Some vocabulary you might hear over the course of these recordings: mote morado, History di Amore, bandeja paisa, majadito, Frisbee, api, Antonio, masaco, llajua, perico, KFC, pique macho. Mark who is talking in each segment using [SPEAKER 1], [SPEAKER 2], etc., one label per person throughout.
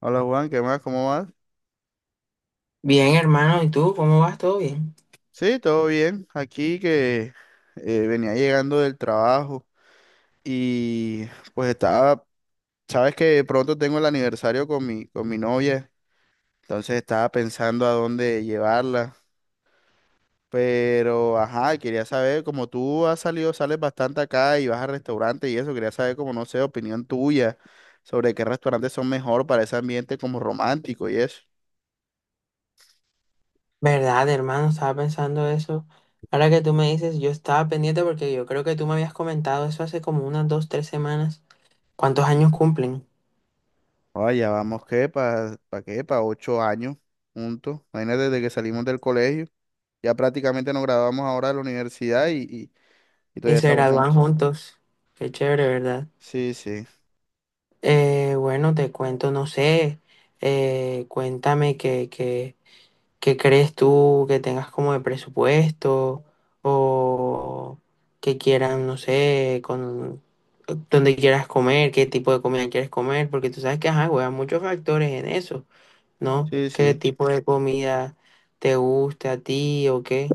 [SPEAKER 1] Hola Juan, ¿qué más? ¿Cómo vas?
[SPEAKER 2] Bien, hermano, ¿y tú cómo vas? ¿Todo bien?
[SPEAKER 1] Sí, todo bien. Aquí que venía llegando del trabajo y pues estaba, sabes que pronto tengo el aniversario con mi novia, entonces estaba pensando a dónde llevarla, pero ajá, quería saber, como tú has salido, sales bastante acá y vas a restaurantes y eso, quería saber como, no sé, opinión tuya sobre qué restaurantes son mejor para ese ambiente como romántico y eso.
[SPEAKER 2] ¿Verdad, hermano? Estaba pensando eso. Ahora que tú me dices, yo estaba pendiente porque yo creo que tú me habías comentado eso hace como unas 2, 3 semanas. ¿Cuántos años cumplen?
[SPEAKER 1] Oye, ya vamos, ¿qué? ¿Para qué? Para 8 años juntos. Imagínate, desde que salimos del colegio. Ya prácticamente nos graduamos ahora de la universidad y
[SPEAKER 2] Y
[SPEAKER 1] todavía
[SPEAKER 2] se
[SPEAKER 1] estamos
[SPEAKER 2] gradúan
[SPEAKER 1] juntos.
[SPEAKER 2] juntos. Qué chévere, ¿verdad?
[SPEAKER 1] Sí, sí,
[SPEAKER 2] Bueno, te cuento, no sé. Cuéntame que ¿Qué crees tú que tengas como de presupuesto o que quieran, no sé, con dónde quieras comer, qué tipo de comida quieres comer? Porque tú sabes que, ajá, güey, hay muchos factores en eso, ¿no?
[SPEAKER 1] sí,
[SPEAKER 2] ¿Qué
[SPEAKER 1] sí.
[SPEAKER 2] tipo de comida te gusta a ti o qué?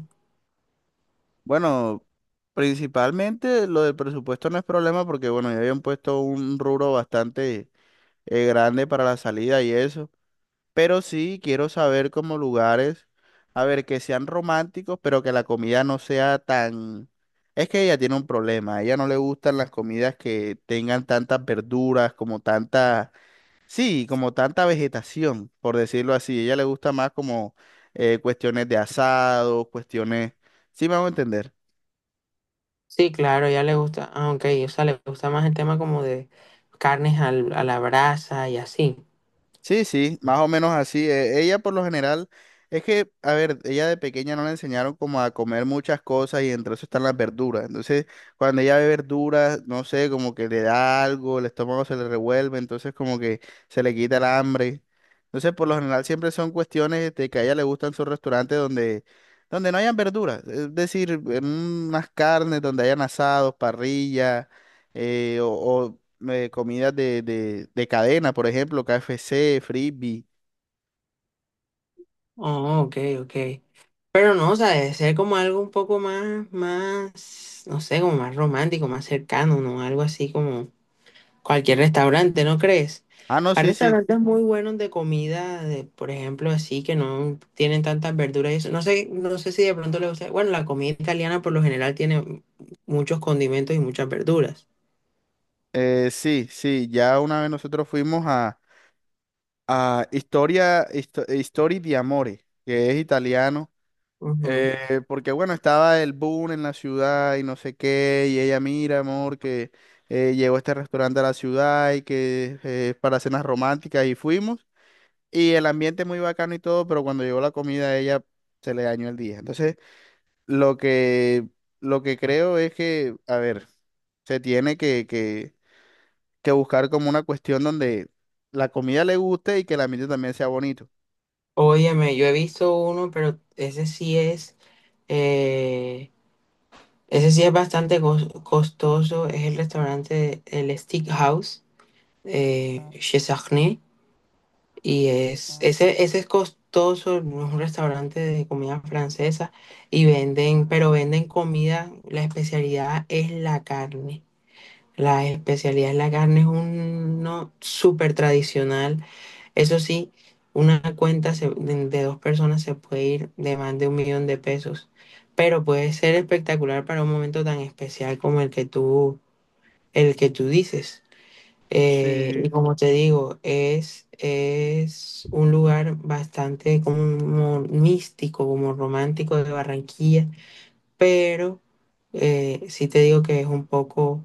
[SPEAKER 1] Bueno, principalmente lo del presupuesto no es problema porque, bueno, ya habían puesto un rubro bastante grande para la salida y eso. Pero sí quiero saber como lugares, a ver, que sean románticos, pero que la comida no sea tan... Es que ella tiene un problema, a ella no le gustan las comidas que tengan tantas verduras, como tanta... Sí, como tanta vegetación, por decirlo así. A ella le gusta más como cuestiones de asado, cuestiones... ¿Sí me hago entender?
[SPEAKER 2] Sí, claro, ya le gusta, ah, ok, o sea, le gusta más el tema como de carnes a la brasa y así.
[SPEAKER 1] Sí, sí, más o menos así. Ella por lo general, es que, a ver, ella de pequeña no le enseñaron como a comer muchas cosas y entre eso están las verduras. Entonces, cuando ella ve verduras, no sé, como que le da algo, el estómago se le revuelve, entonces como que se le quita el hambre. Entonces, por lo general siempre son cuestiones de que a ella le gustan sus restaurantes donde no hayan verduras. Es decir, en unas carnes donde hayan asados, parrilla, o comidas de cadena, por ejemplo, KFC, Frisbee.
[SPEAKER 2] Oh, ok, ok. Pero no, o sea, debe ser como algo un poco más, no sé, como más romántico, más cercano, ¿no? Algo así como cualquier restaurante, ¿no crees?
[SPEAKER 1] Ah, no,
[SPEAKER 2] Hay
[SPEAKER 1] sí, sí.
[SPEAKER 2] restaurantes muy buenos de comida, de, por ejemplo, así que no tienen tantas verduras y eso. No sé, no sé si de pronto le gusta. Bueno, la comida italiana por lo general tiene muchos condimentos y muchas verduras.
[SPEAKER 1] Sí, sí, ya una vez nosotros fuimos a History di Amore, que es italiano,
[SPEAKER 2] Ujú.
[SPEAKER 1] porque bueno, estaba el boom en la ciudad y no sé qué, y ella, mira, amor, que llegó este restaurante a la ciudad y que es para cenas románticas y fuimos, y el ambiente muy bacano y todo, pero cuando llegó la comida a ella se le dañó el día. Entonces... Lo que, lo que creo es que, a ver, se tiene que buscar como una cuestión donde la comida le guste y que el ambiente también sea bonito.
[SPEAKER 2] Óyeme, yo he visto uno, pero ese sí es. eh, Ese sí es bastante costoso, es el restaurante El Steak House, Chez Sarney, y es, ese es costoso, no es un restaurante de comida francesa, y venden, pero venden comida, la especialidad es la carne, la especialidad es la carne, es uno súper tradicional, eso sí. Una cuenta de dos personas se puede ir de más de 1 millón de pesos, pero puede ser espectacular para un momento tan especial como el que tú dices. Y
[SPEAKER 1] Sí,
[SPEAKER 2] como te digo, es un lugar bastante como místico, como romántico de Barranquilla, pero sí te digo que es un poco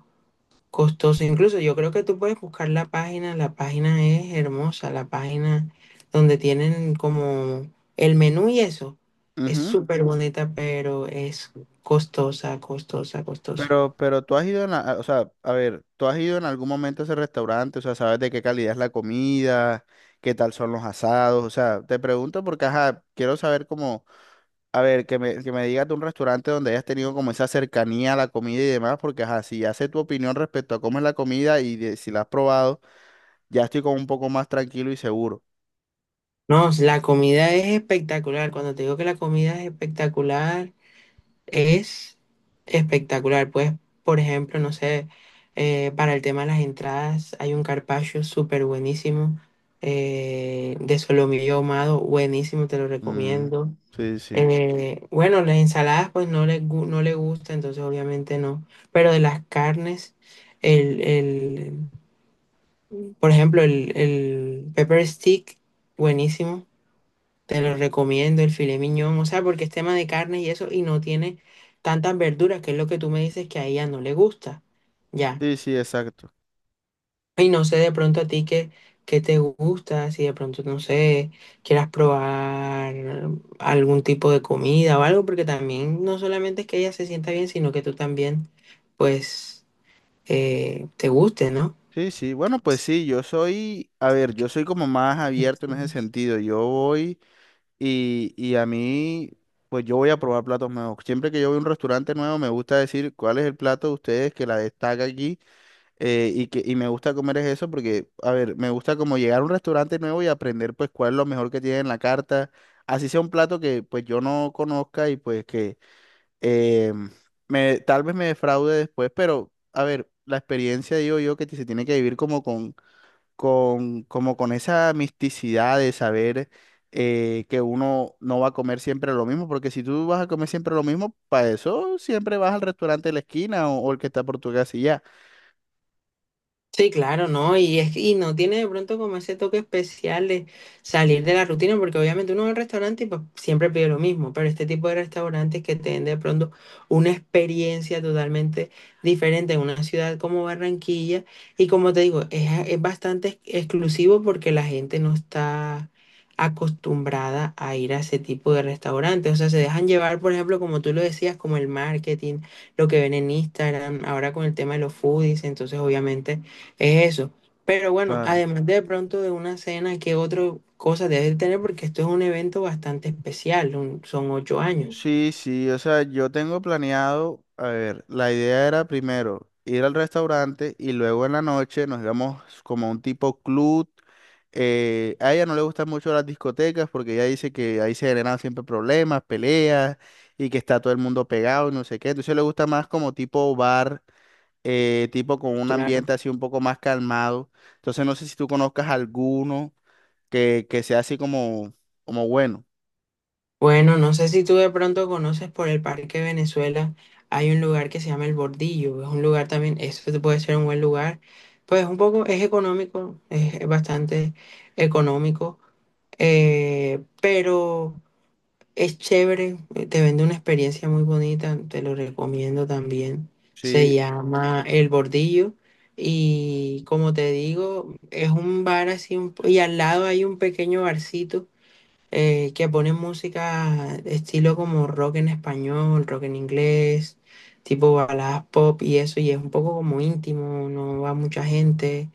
[SPEAKER 2] costoso. Incluso yo creo que tú puedes buscar la página es hermosa, la página donde tienen como el menú y eso. Es
[SPEAKER 1] ujú.
[SPEAKER 2] súper bonita, pero es costosa, costosa, costosa.
[SPEAKER 1] Pero tú has ido en, la- o sea, a ver, tú has ido en algún momento a ese restaurante, o sea, sabes de qué calidad es la comida, qué tal son los asados, o sea, te pregunto porque, ajá, quiero saber cómo. A ver, que me digas de un restaurante donde hayas tenido como esa cercanía a la comida y demás, porque ajá, si ya sé tu opinión respecto a cómo es la comida y de- si la has probado, ya estoy como un poco más tranquilo y seguro.
[SPEAKER 2] No, la comida es espectacular. Cuando te digo que la comida es espectacular. Es espectacular, pues, por ejemplo, no sé, para el tema de las entradas hay un carpaccio súper buenísimo de solomillo ahumado, buenísimo, te lo
[SPEAKER 1] Mm,
[SPEAKER 2] recomiendo.
[SPEAKER 1] sí, sí.
[SPEAKER 2] Bueno, las ensaladas pues no le gusta, entonces obviamente no, pero de las carnes, el, por ejemplo, el pepper stick, buenísimo. Te lo recomiendo el filet miñón, o sea, porque es tema de carnes y eso, y no tiene tantas verduras, que es lo que tú me dices que a ella no le gusta. Ya.
[SPEAKER 1] Sí, sí, exacto.
[SPEAKER 2] Y no sé de pronto a ti qué, qué te gusta, si de pronto, no sé, quieras probar algún tipo de comida o algo, porque también no solamente es que ella se sienta bien, sino que tú también, pues, te guste, ¿no?
[SPEAKER 1] Sí, sí. Bueno, pues sí, yo soy, a ver, yo soy como más abierto en ese sentido. Yo voy y a mí, pues yo voy a probar platos nuevos. Siempre que yo voy a un restaurante nuevo, me gusta decir cuál es el plato de ustedes que la destaca aquí. Y que y me gusta comer es eso porque, a ver, me gusta como llegar a un restaurante nuevo y aprender pues cuál es lo mejor que tiene en la carta, así sea un plato que pues yo no conozca y pues que eh, me, tal vez me defraude después, pero a ver, la experiencia digo yo que se tiene que vivir como como con esa misticidad de saber que uno no va a comer siempre lo mismo, porque si tú vas a comer siempre lo mismo, para eso siempre vas al restaurante de la esquina o el que está por tu casa y ya.
[SPEAKER 2] Sí, claro, ¿no? Y es que- y no tiene de pronto como ese toque especial de salir de la rutina, porque obviamente uno va al restaurante y pues siempre pide lo mismo, pero este tipo de restaurantes que te den de pronto una experiencia totalmente diferente en una ciudad como Barranquilla, y como te digo, es bastante exclusivo porque la gente no está acostumbrada a ir a ese tipo de restaurantes, o sea, se dejan llevar, por ejemplo, como tú lo decías, como el marketing, lo que ven en Instagram, ahora con el tema de los foodies, entonces obviamente es eso. Pero bueno,
[SPEAKER 1] Claro.
[SPEAKER 2] además de pronto de una cena, ¿qué otra cosa debes de tener? Porque esto es un evento bastante especial, son 8 años.
[SPEAKER 1] Sí, sí, o sea, yo tengo planeado, a ver, la idea era primero ir al restaurante y luego en la noche nos íbamos como a un tipo club. A ella no le gustan mucho las discotecas porque ella dice que ahí se generan siempre problemas, peleas y que está todo el mundo pegado y no sé qué. Entonces le gusta más como tipo bar, tipo con un
[SPEAKER 2] Claro.
[SPEAKER 1] ambiente así un poco más calmado. Entonces no sé si tú conozcas alguno que sea así como, como bueno.
[SPEAKER 2] Bueno, no sé si tú de pronto conoces por el Parque Venezuela, hay un lugar que se llama El Bordillo, es un lugar también, eso te puede ser un buen lugar, pues un poco es económico, es bastante económico, pero es chévere, te vende una experiencia muy bonita, te lo recomiendo también. Se
[SPEAKER 1] Sí,
[SPEAKER 2] llama El Bordillo y como te digo, es un bar así y al lado hay un pequeño barcito que pone música estilo como rock en español, rock en inglés, tipo baladas pop y eso, y es un poco como íntimo, no va mucha gente.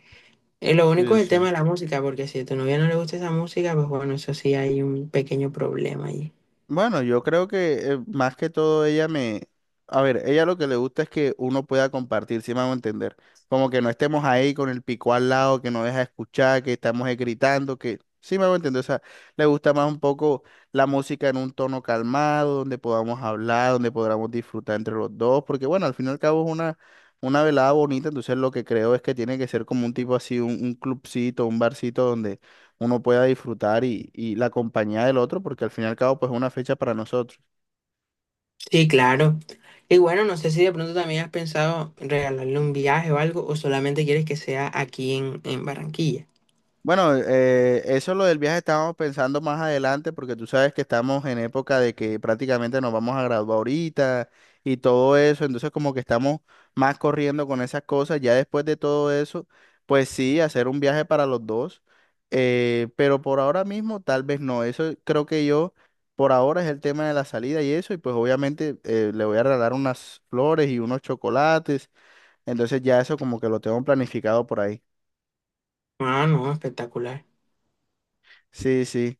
[SPEAKER 2] Lo único
[SPEAKER 1] sí,
[SPEAKER 2] es el
[SPEAKER 1] sí.
[SPEAKER 2] tema de la música, porque si a tu novia no le gusta esa música, pues bueno, eso sí hay un pequeño problema ahí.
[SPEAKER 1] Bueno, yo creo que más que todo ella me... A ver, ella lo que le gusta es que uno pueda compartir, si me hago entender. Como que no estemos ahí con el pico al lado, que no deja escuchar, que estamos gritando, que... Sí me hago entender. O sea, le gusta más un poco la música en un tono calmado, donde podamos hablar, donde podamos disfrutar entre los dos. Porque bueno, al fin y al cabo es una velada bonita, entonces lo que creo es que tiene que ser como un tipo así, un clubcito, un barcito donde uno pueda disfrutar y la compañía del otro, porque al fin y al cabo, pues es una fecha para nosotros.
[SPEAKER 2] Sí, claro. Y bueno, no sé si de pronto también has pensado en regalarle un viaje o algo, o solamente quieres que sea aquí en Barranquilla.
[SPEAKER 1] Bueno, eso lo del viaje estábamos pensando más adelante porque tú sabes que estamos en época de que prácticamente nos vamos a graduar ahorita y todo eso, entonces como que estamos más corriendo con esas cosas, ya después de todo eso, pues sí, hacer un viaje para los dos, pero por ahora mismo tal vez no, eso creo que yo por ahora es el tema de la salida y eso, y pues obviamente le voy a regalar unas flores y unos chocolates, entonces ya eso como que lo tengo planificado por ahí.
[SPEAKER 2] Ah, no, espectacular,
[SPEAKER 1] Sí, sí.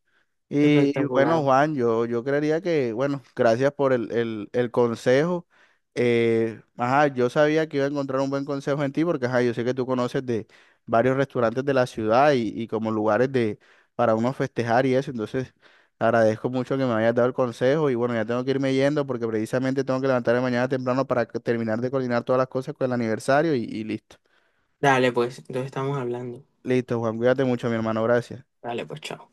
[SPEAKER 1] Y bueno,
[SPEAKER 2] espectacular.
[SPEAKER 1] Juan, yo creería que, bueno, gracias por el consejo. Ajá, yo sabía que iba a encontrar un buen consejo en ti porque, ajá, yo sé que tú conoces de varios restaurantes de la ciudad y como lugares de, para uno festejar y eso. Entonces, agradezco mucho que me hayas dado el consejo y bueno, ya tengo que irme yendo porque precisamente tengo que levantarme mañana temprano para que- terminar de coordinar todas las cosas con el aniversario y listo.
[SPEAKER 2] Dale, pues, entonces estamos hablando.
[SPEAKER 1] Listo, Juan, cuídate mucho, mi hermano, gracias.
[SPEAKER 2] Dale, pues, chao.